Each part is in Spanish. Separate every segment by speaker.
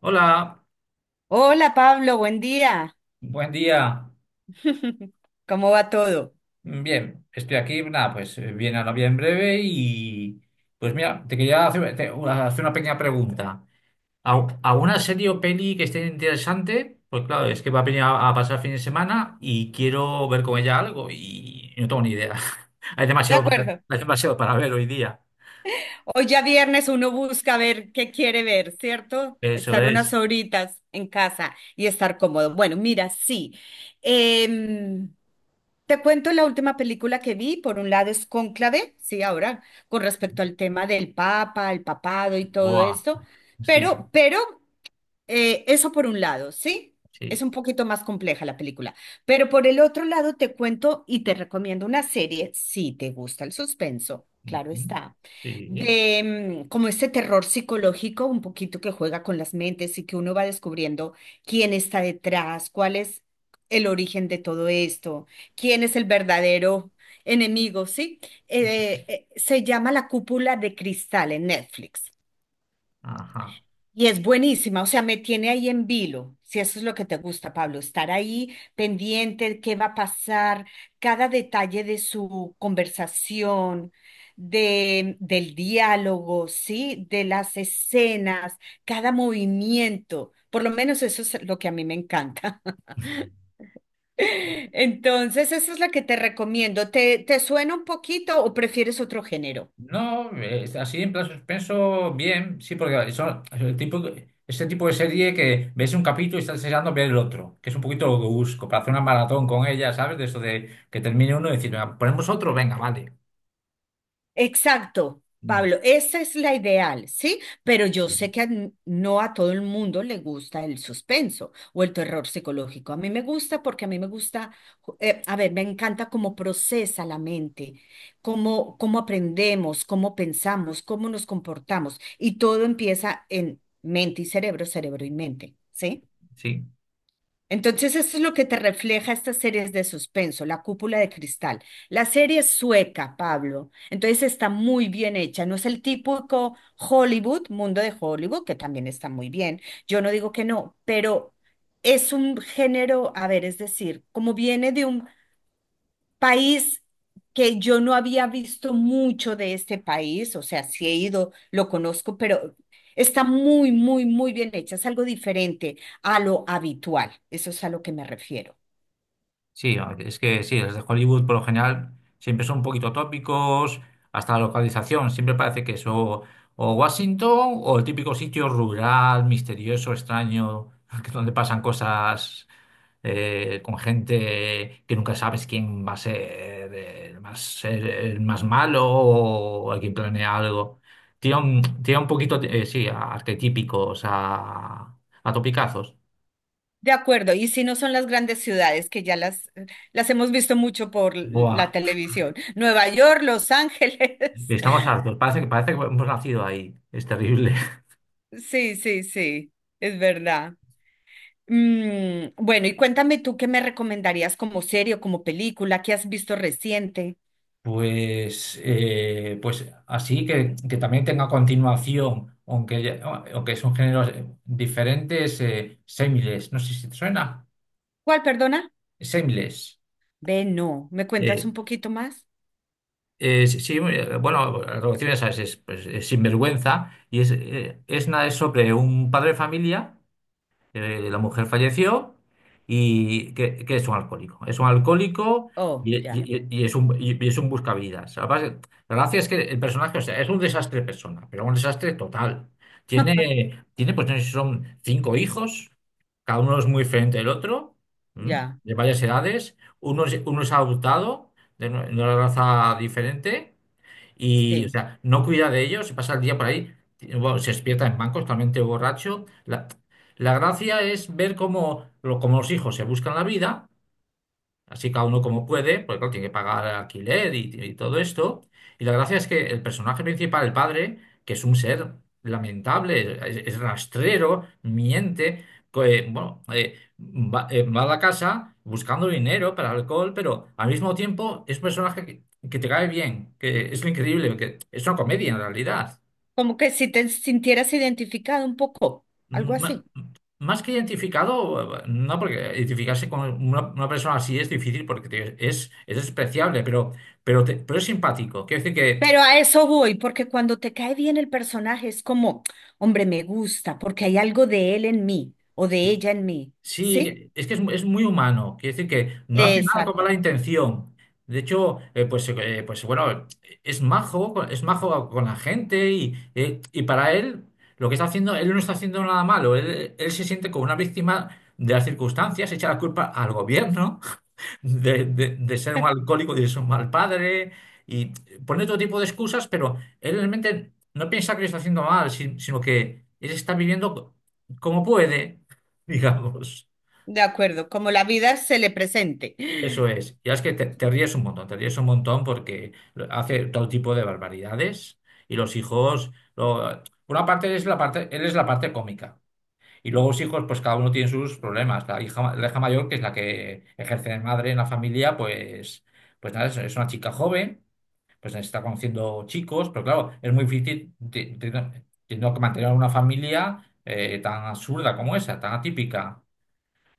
Speaker 1: Hola,
Speaker 2: Hola Pablo, buen día.
Speaker 1: buen día.
Speaker 2: ¿Cómo va todo?
Speaker 1: Bien, estoy aquí, nada, pues viene a la en breve y pues mira, te quería hacer, una hacer una pequeña pregunta. ¿Alguna serie o peli que esté interesante? Pues claro, es que va a venir a pasar fin de semana y quiero ver con ella algo y no tengo ni idea. Hay
Speaker 2: De
Speaker 1: demasiado
Speaker 2: acuerdo.
Speaker 1: hay demasiado para ver hoy día.
Speaker 2: Hoy ya viernes uno busca ver qué quiere ver, ¿cierto?
Speaker 1: Eso
Speaker 2: Estar unas
Speaker 1: es.
Speaker 2: horitas en casa y estar cómodo. Bueno, mira, sí. Em, Te cuento la última película que vi. Por un lado es Cónclave, sí, ahora, con respecto al tema del Papa, el papado y todo
Speaker 1: Buah,
Speaker 2: esto.
Speaker 1: sí,
Speaker 2: Pero, eso por un lado, ¿sí? Es
Speaker 1: sí.
Speaker 2: un poquito más compleja la película, pero por el otro lado te cuento y te recomiendo una serie, si te gusta el suspenso, claro
Speaker 1: Ujú,
Speaker 2: está,
Speaker 1: sí,
Speaker 2: de como este terror psicológico, un poquito que juega con las mentes y que uno va descubriendo quién está detrás, cuál es el origen de todo esto, quién es el verdadero enemigo, ¿sí? Se llama La Cúpula de Cristal en Netflix.
Speaker 1: ajá.
Speaker 2: Y es buenísima, o sea, me tiene ahí en vilo, si eso es lo que te gusta, Pablo, estar ahí pendiente, qué va a pasar, cada detalle de su conversación, de, del diálogo, ¿sí? De las escenas, cada movimiento, por lo menos eso es lo que a mí me encanta. Entonces, eso es lo que te recomiendo. ¿Te suena un poquito o prefieres otro género?
Speaker 1: No, así en plan suspenso, bien, sí, porque son es ese tipo de serie que ves un capítulo y estás deseando ver el otro, que es un poquito lo que busco, para hacer una maratón con ella, ¿sabes? De eso de que termine uno y decir: "Venga, ponemos otro, venga, vale."
Speaker 2: Exacto,
Speaker 1: Mm,
Speaker 2: Pablo, esa es la ideal, ¿sí? Pero yo
Speaker 1: sí,
Speaker 2: sé que no a todo el mundo le gusta el suspenso o el terror psicológico. A mí me gusta porque a mí me gusta, a ver, me encanta cómo procesa la mente, cómo, cómo aprendemos, cómo pensamos, cómo nos comportamos. Y todo empieza en mente y cerebro, cerebro y mente, ¿sí?
Speaker 1: sí.
Speaker 2: Entonces, esto es lo que te refleja estas series de suspenso, La Cúpula de Cristal. La serie es sueca, Pablo. Entonces, está muy bien hecha. No es el típico Hollywood, mundo de Hollywood, que también está muy bien. Yo no digo que no, pero es un género, a ver, es decir, como viene de un País que yo no había visto mucho de este país, o sea, sí he ido, lo conozco, pero está muy, muy, muy bien hecha, es algo diferente a lo habitual, eso es a lo que me refiero.
Speaker 1: Sí, ver, es que sí, las de Hollywood por lo general siempre son un poquito tópicos, hasta la localización, siempre parece que es o Washington o el típico sitio rural, misterioso, extraño, que donde pasan cosas con gente que nunca sabes quién va a ser el más malo o el que planea algo. Tiene un poquito, sí, a arquetípicos, a topicazos.
Speaker 2: De acuerdo, y si no son las grandes ciudades que ya las hemos visto mucho por
Speaker 1: Buah.
Speaker 2: la televisión, Nueva York, Los Ángeles.
Speaker 1: Estamos hartos, parece que hemos nacido ahí. Es terrible.
Speaker 2: Sí, sí, sí, es verdad. Bueno, y cuéntame tú qué me recomendarías como serie o como película que has visto reciente.
Speaker 1: Pues, pues así que también tenga continuación, aunque son géneros diferentes, Semiles, no sé si te suena,
Speaker 2: ¿Cuál, perdona?
Speaker 1: Semiles.
Speaker 2: Ve, no. ¿Me cuentas
Speaker 1: Eh,
Speaker 2: un poquito más?
Speaker 1: sí, bueno, la traducción ya sabes, es, pues, es sinvergüenza y es nada, es sobre un padre de familia. La mujer falleció que es un alcohólico. Es un alcohólico
Speaker 2: Oh, ya,
Speaker 1: y, es un buscavidas. Además, la gracia es que el personaje, o sea, es un desastre persona, pero un desastre total. Tiene pues no sé si son cinco hijos, cada uno es muy diferente del otro, ¿m?
Speaker 2: ya,
Speaker 1: De varias edades. Uno es adoptado de una raza diferente. Y, o
Speaker 2: sí.
Speaker 1: sea, no cuida de ellos, se pasa el día por ahí, y, bueno, se despierta en bancos, totalmente borracho. La gracia es ver cómo, cómo los hijos se buscan la vida, así cada uno como puede, porque claro, tiene que pagar alquiler y todo esto. Y la gracia es que el personaje principal, el padre, que es un ser lamentable, es rastrero, miente, bueno, va a la casa buscando dinero para alcohol, pero al mismo tiempo es un personaje que te cae bien, que es lo increíble, que es una comedia en realidad.
Speaker 2: Como que si te sintieras identificado un poco, algo
Speaker 1: Mm,
Speaker 2: así.
Speaker 1: más que identificado, no, porque identificarse con una persona así es difícil porque es despreciable, pero, pero es simpático. Quiero decir que
Speaker 2: Pero a eso voy, porque cuando te cae bien el personaje es como, hombre, me gusta, porque hay algo de él en mí o de
Speaker 1: sí,
Speaker 2: ella en mí.
Speaker 1: sí,
Speaker 2: ¿Sí?
Speaker 1: es que es, es muy humano. Quiero decir que no hace nada con mala
Speaker 2: Exacto.
Speaker 1: intención. De hecho, pues, pues bueno, es majo, es majo con la gente y para él lo que está haciendo, él no está haciendo nada malo. Él se siente como una víctima de las circunstancias, echa la culpa al gobierno de ser un alcohólico, de ser un mal padre, y pone todo tipo de excusas, pero él realmente no piensa que lo está haciendo mal, sino que él está viviendo como puede, digamos.
Speaker 2: De acuerdo, como la vida se le presente.
Speaker 1: Eso es. Y es que te ríes un montón, te ríes un montón porque hace todo tipo de barbaridades y los hijos... por una parte es la parte, él es la parte cómica. Y luego los hijos, pues cada uno tiene sus problemas. La hija mayor, que es la que ejerce de madre en la familia, pues, pues nada, es una chica joven, pues está conociendo chicos, pero claro, es muy difícil teniendo que mantener una familia tan absurda como esa, tan atípica.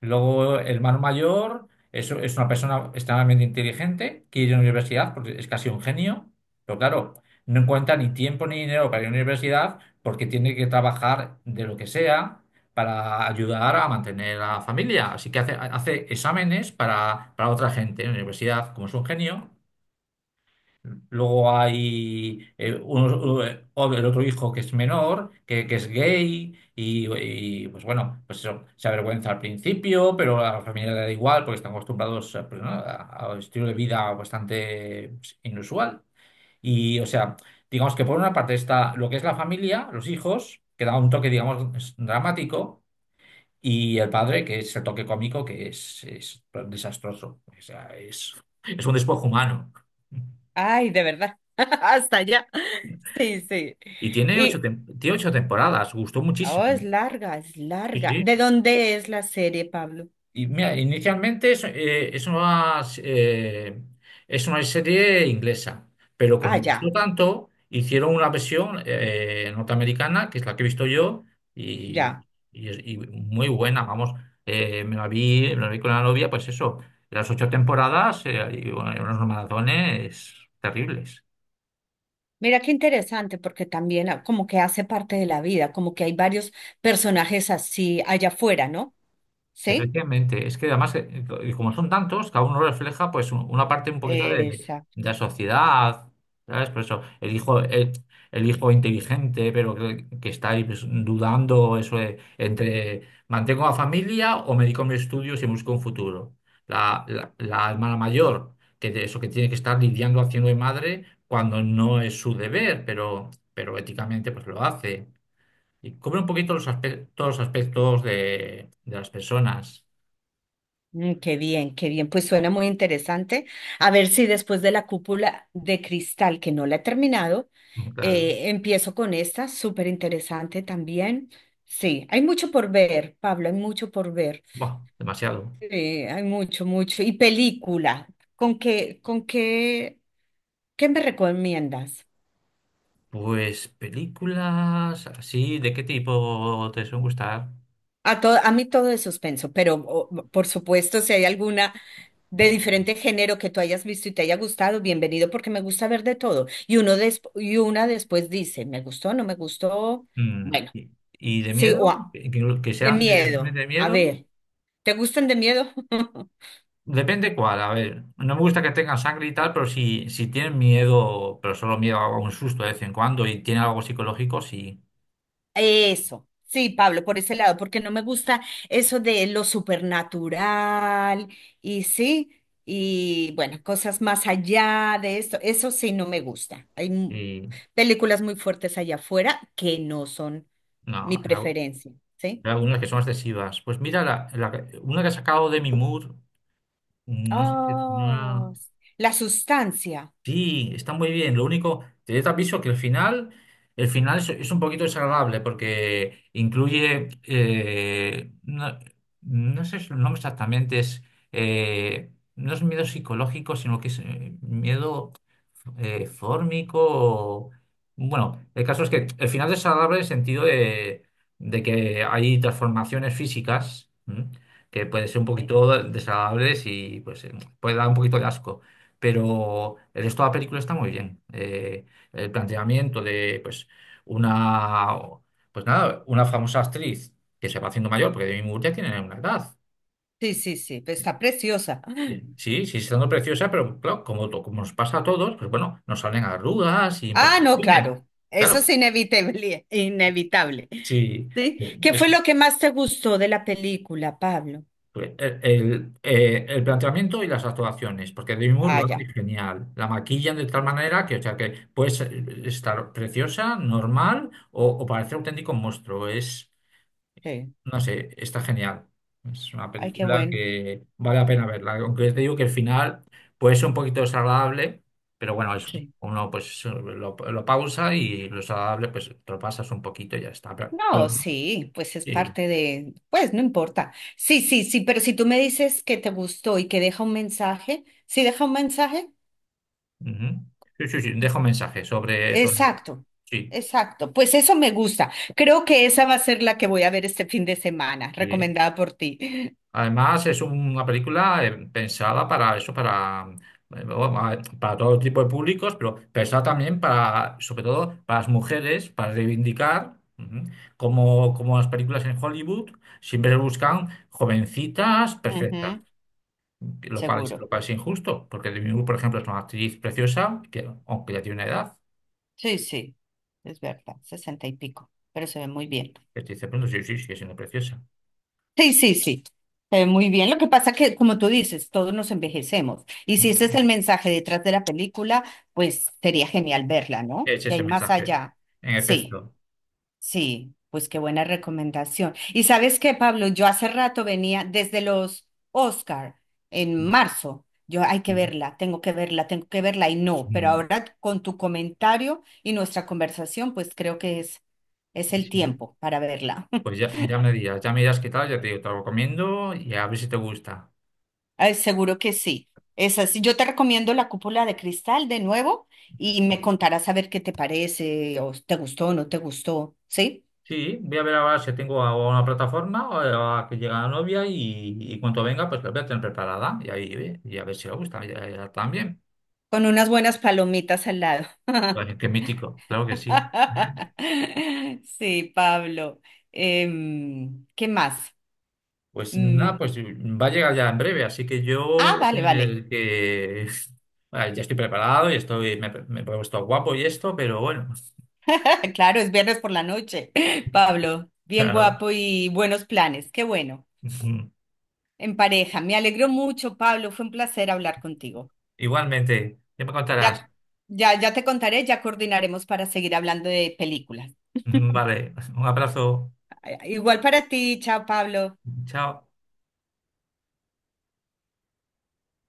Speaker 1: Luego, el hermano mayor es una persona extremadamente inteligente, quiere ir a la universidad porque es casi un genio, pero claro, no encuentra ni tiempo ni dinero para ir a la universidad porque tiene que trabajar de lo que sea para ayudar a mantener a la familia. Así que hace, hace exámenes para otra gente en la universidad, como es un genio. Luego hay el otro hijo que es menor, que es gay, pues bueno, pues eso, se avergüenza al principio, pero a la familia le da igual porque están acostumbrados a, pues, ¿no? A un estilo de vida bastante pues, inusual. Y o sea, digamos que por una parte está lo que es la familia, los hijos, que da un toque, digamos, dramático, y el padre, que es el toque cómico, es desastroso. O sea, es un despojo humano.
Speaker 2: Ay, de verdad. Hasta allá. Sí, sí.
Speaker 1: Y tiene ocho,
Speaker 2: Y,
Speaker 1: tiene ocho temporadas, gustó
Speaker 2: oh, es
Speaker 1: muchísimo.
Speaker 2: larga, es
Speaker 1: Sí,
Speaker 2: larga.
Speaker 1: sí.
Speaker 2: ¿De dónde es la serie, Pablo?
Speaker 1: Y mira, inicialmente es, es una serie inglesa, pero
Speaker 2: Ah,
Speaker 1: como gustó
Speaker 2: ya.
Speaker 1: tanto, hicieron una versión norteamericana, que es la que he visto yo, y,
Speaker 2: Ya.
Speaker 1: y muy buena, vamos. Me la vi con la novia, pues eso, las ocho temporadas y bueno, y unos maratones terribles.
Speaker 2: Mira qué interesante, porque también ah, como que hace parte de la vida, como que hay varios personajes así allá afuera, ¿no? ¿Sí?
Speaker 1: Efectivamente, es que además, y como son tantos, cada uno refleja pues una parte un poquito de
Speaker 2: Exacto.
Speaker 1: la sociedad, ¿sabes? Por eso, el hijo inteligente, pero que está ahí pues, dudando eso de, entre mantengo la familia o me dedico a mis estudios y busco un futuro. La hermana mayor, que de eso que tiene que estar lidiando haciendo de madre cuando no es su deber, pero éticamente pues lo hace. Y cubre un poquito los aspectos, todos los aspectos de las personas.
Speaker 2: Qué bien, qué bien. Pues suena muy interesante. A ver si después de la cúpula de cristal, que no la he terminado,
Speaker 1: Mm, claro.
Speaker 2: empiezo con esta, súper interesante también. Sí, hay mucho por ver, Pablo, hay mucho por ver.
Speaker 1: Buah, demasiado.
Speaker 2: Sí, hay mucho, mucho. Y película, ¿con qué, con qué, qué me recomiendas?
Speaker 1: Pues películas así, ¿de qué tipo te suelen gustar?
Speaker 2: A, a mí todo es suspenso, pero por supuesto, si hay alguna de diferente género que tú hayas visto y te haya gustado, bienvenido, porque me gusta ver de todo. Y y una después dice, ¿me gustó? ¿No me gustó?
Speaker 1: Mm,
Speaker 2: Bueno,
Speaker 1: y de
Speaker 2: sí, o
Speaker 1: miedo? ¿Que, que
Speaker 2: de
Speaker 1: sean
Speaker 2: miedo.
Speaker 1: realmente de
Speaker 2: A
Speaker 1: miedo?
Speaker 2: ver, ¿te gustan de miedo?
Speaker 1: Depende cuál, a ver. No me gusta que tengan sangre y tal, pero si tienen miedo, pero solo miedo a un susto de vez en cuando y tiene algo psicológico, sí.
Speaker 2: Eso, sí, Pablo, por ese lado, porque no me gusta eso de lo supernatural y sí, y bueno, cosas más allá de esto, eso sí no me gusta.
Speaker 1: Y
Speaker 2: Películas muy fuertes allá afuera que no son
Speaker 1: no,
Speaker 2: mi preferencia, ¿sí?
Speaker 1: hay algunas que son excesivas. Pues mira, una que ha sacado Demi Moore, no sé si es
Speaker 2: Oh,
Speaker 1: una.
Speaker 2: la sustancia.
Speaker 1: Sí, está muy bien. Lo único, te te aviso que el final es un poquito desagradable porque incluye, no, no sé su nombre exactamente, es, no es miedo psicológico, sino que es miedo fórmico. Bueno, el caso es que el final es desagradable en el sentido de que hay transformaciones físicas, ¿m? Que pueden ser un
Speaker 2: Sí.
Speaker 1: poquito desagradables y pues puede dar un poquito de asco, pero el resto de la película está muy bien. El planteamiento de, pues, una, pues nada, una famosa actriz que se va haciendo mayor, porque Demi Moore ya tiene una edad.
Speaker 2: Sí, sí, sí, pero está preciosa.
Speaker 1: Bien, sí, sí, siendo preciosa, pero claro, como, como nos pasa a todos, pues bueno, nos salen arrugas y
Speaker 2: Ah, no,
Speaker 1: imperfecciones.
Speaker 2: claro, eso es
Speaker 1: Claro,
Speaker 2: inevitable, inevitable.
Speaker 1: sí.
Speaker 2: ¿Sí? ¿Qué fue lo que más te gustó de la película, Pablo?
Speaker 1: El, el planteamiento y las actuaciones, porque Demi Moore
Speaker 2: Ah,
Speaker 1: lo
Speaker 2: ya.
Speaker 1: hace genial. La maquillan de tal
Speaker 2: Sí,
Speaker 1: manera que, o sea, que puedes estar preciosa, normal o parecer auténtico monstruo. Es,
Speaker 2: sí.
Speaker 1: no sé, está genial. Es una
Speaker 2: Ay, qué
Speaker 1: película
Speaker 2: bueno.
Speaker 1: que vale la pena verla. Aunque te digo que el final puede ser un poquito desagradable, pero bueno, es,
Speaker 2: Sí.
Speaker 1: uno pues lo pausa y lo desagradable pues te lo pasas un poquito y ya está. Pero-
Speaker 2: No, sí, pues es
Speaker 1: sí,
Speaker 2: parte de, pues no importa. Sí, sí, sí, pero si tú me dices que te gustó y que deja un mensaje, ¿sí deja un mensaje?
Speaker 1: ujú. Sí, sí, sí, dejo mensaje sobre eso.
Speaker 2: Exacto,
Speaker 1: Sí.
Speaker 2: exacto. Pues eso me gusta. Creo que esa va a ser la que voy a ver este fin de semana,
Speaker 1: Sí.
Speaker 2: recomendada por ti.
Speaker 1: Además, es una película pensada para eso, bueno, a para todo tipo de públicos, pero pensada también para, sobre todo, para las mujeres, para reivindicar, ujú, como las películas en Hollywood siempre buscan jovencitas perfectas,
Speaker 2: Ujú,
Speaker 1: lo
Speaker 2: seguro.
Speaker 1: cual es injusto, porque Demi Moore, por ejemplo, es una actriz preciosa, que, aunque ya tiene una edad,
Speaker 2: Sí, sí, es verdad, sesenta y pico, pero se ve muy bien.
Speaker 1: que te dice, bueno, sí, sí, sigue siendo preciosa.
Speaker 2: Sí, sí, sí, se ve muy bien. Lo que pasa que, como tú dices, todos nos envejecemos. Y si
Speaker 1: Ujú.
Speaker 2: ese es el mensaje detrás de la película, pues sería genial verla, ¿no?
Speaker 1: Es
Speaker 2: Que
Speaker 1: ese
Speaker 2: hay más
Speaker 1: mensaje,
Speaker 2: allá.
Speaker 1: en
Speaker 2: Sí.
Speaker 1: efecto.
Speaker 2: Sí, pues qué buena recomendación. Y sabes qué, Pablo, yo hace rato venía desde los Oscar en marzo. Yo hay que
Speaker 1: Sí.
Speaker 2: verla, tengo que verla, tengo que verla y no, pero
Speaker 1: Mm,
Speaker 2: ahora con tu comentario y nuestra conversación, pues creo que es el
Speaker 1: sí.
Speaker 2: tiempo para verla.
Speaker 1: Pues ya, ya me dirás qué tal, ya te digo, te lo recomiendo y a ver si te gusta.
Speaker 2: Ay, seguro que sí. Es así. Yo te recomiendo La Cúpula de Cristal de nuevo y me contarás a ver qué te parece, o te gustó o no te gustó, ¿sí?
Speaker 1: Sí, voy a ver ahora si tengo a una plataforma o a que llega la novia y cuando venga, pues la voy a tener preparada y ahí ve, y a ver si le gusta ya también.
Speaker 2: Con unas buenas palomitas al lado.
Speaker 1: Pues, qué mítico, claro que sí.
Speaker 2: Sí, Pablo. ¿Qué más?
Speaker 1: Pues
Speaker 2: Mm,
Speaker 1: nada, pues va a llegar ya en breve, así que yo
Speaker 2: ah,
Speaker 1: voy
Speaker 2: vale,
Speaker 1: a
Speaker 2: vale.
Speaker 1: tener que... Bueno, ya estoy preparado y estoy, me he puesto guapo y esto, pero bueno,
Speaker 2: Claro, es viernes por la noche. Pablo, bien
Speaker 1: claro.
Speaker 2: guapo y buenos planes. Qué bueno. En pareja. Me alegro mucho, Pablo. Fue un placer hablar contigo.
Speaker 1: Igualmente, ya me contarás.
Speaker 2: Ya, ya, ya te contaré, ya coordinaremos para seguir hablando de películas.
Speaker 1: Vale, un abrazo,
Speaker 2: Igual para ti. Chao, Pablo.
Speaker 1: chao.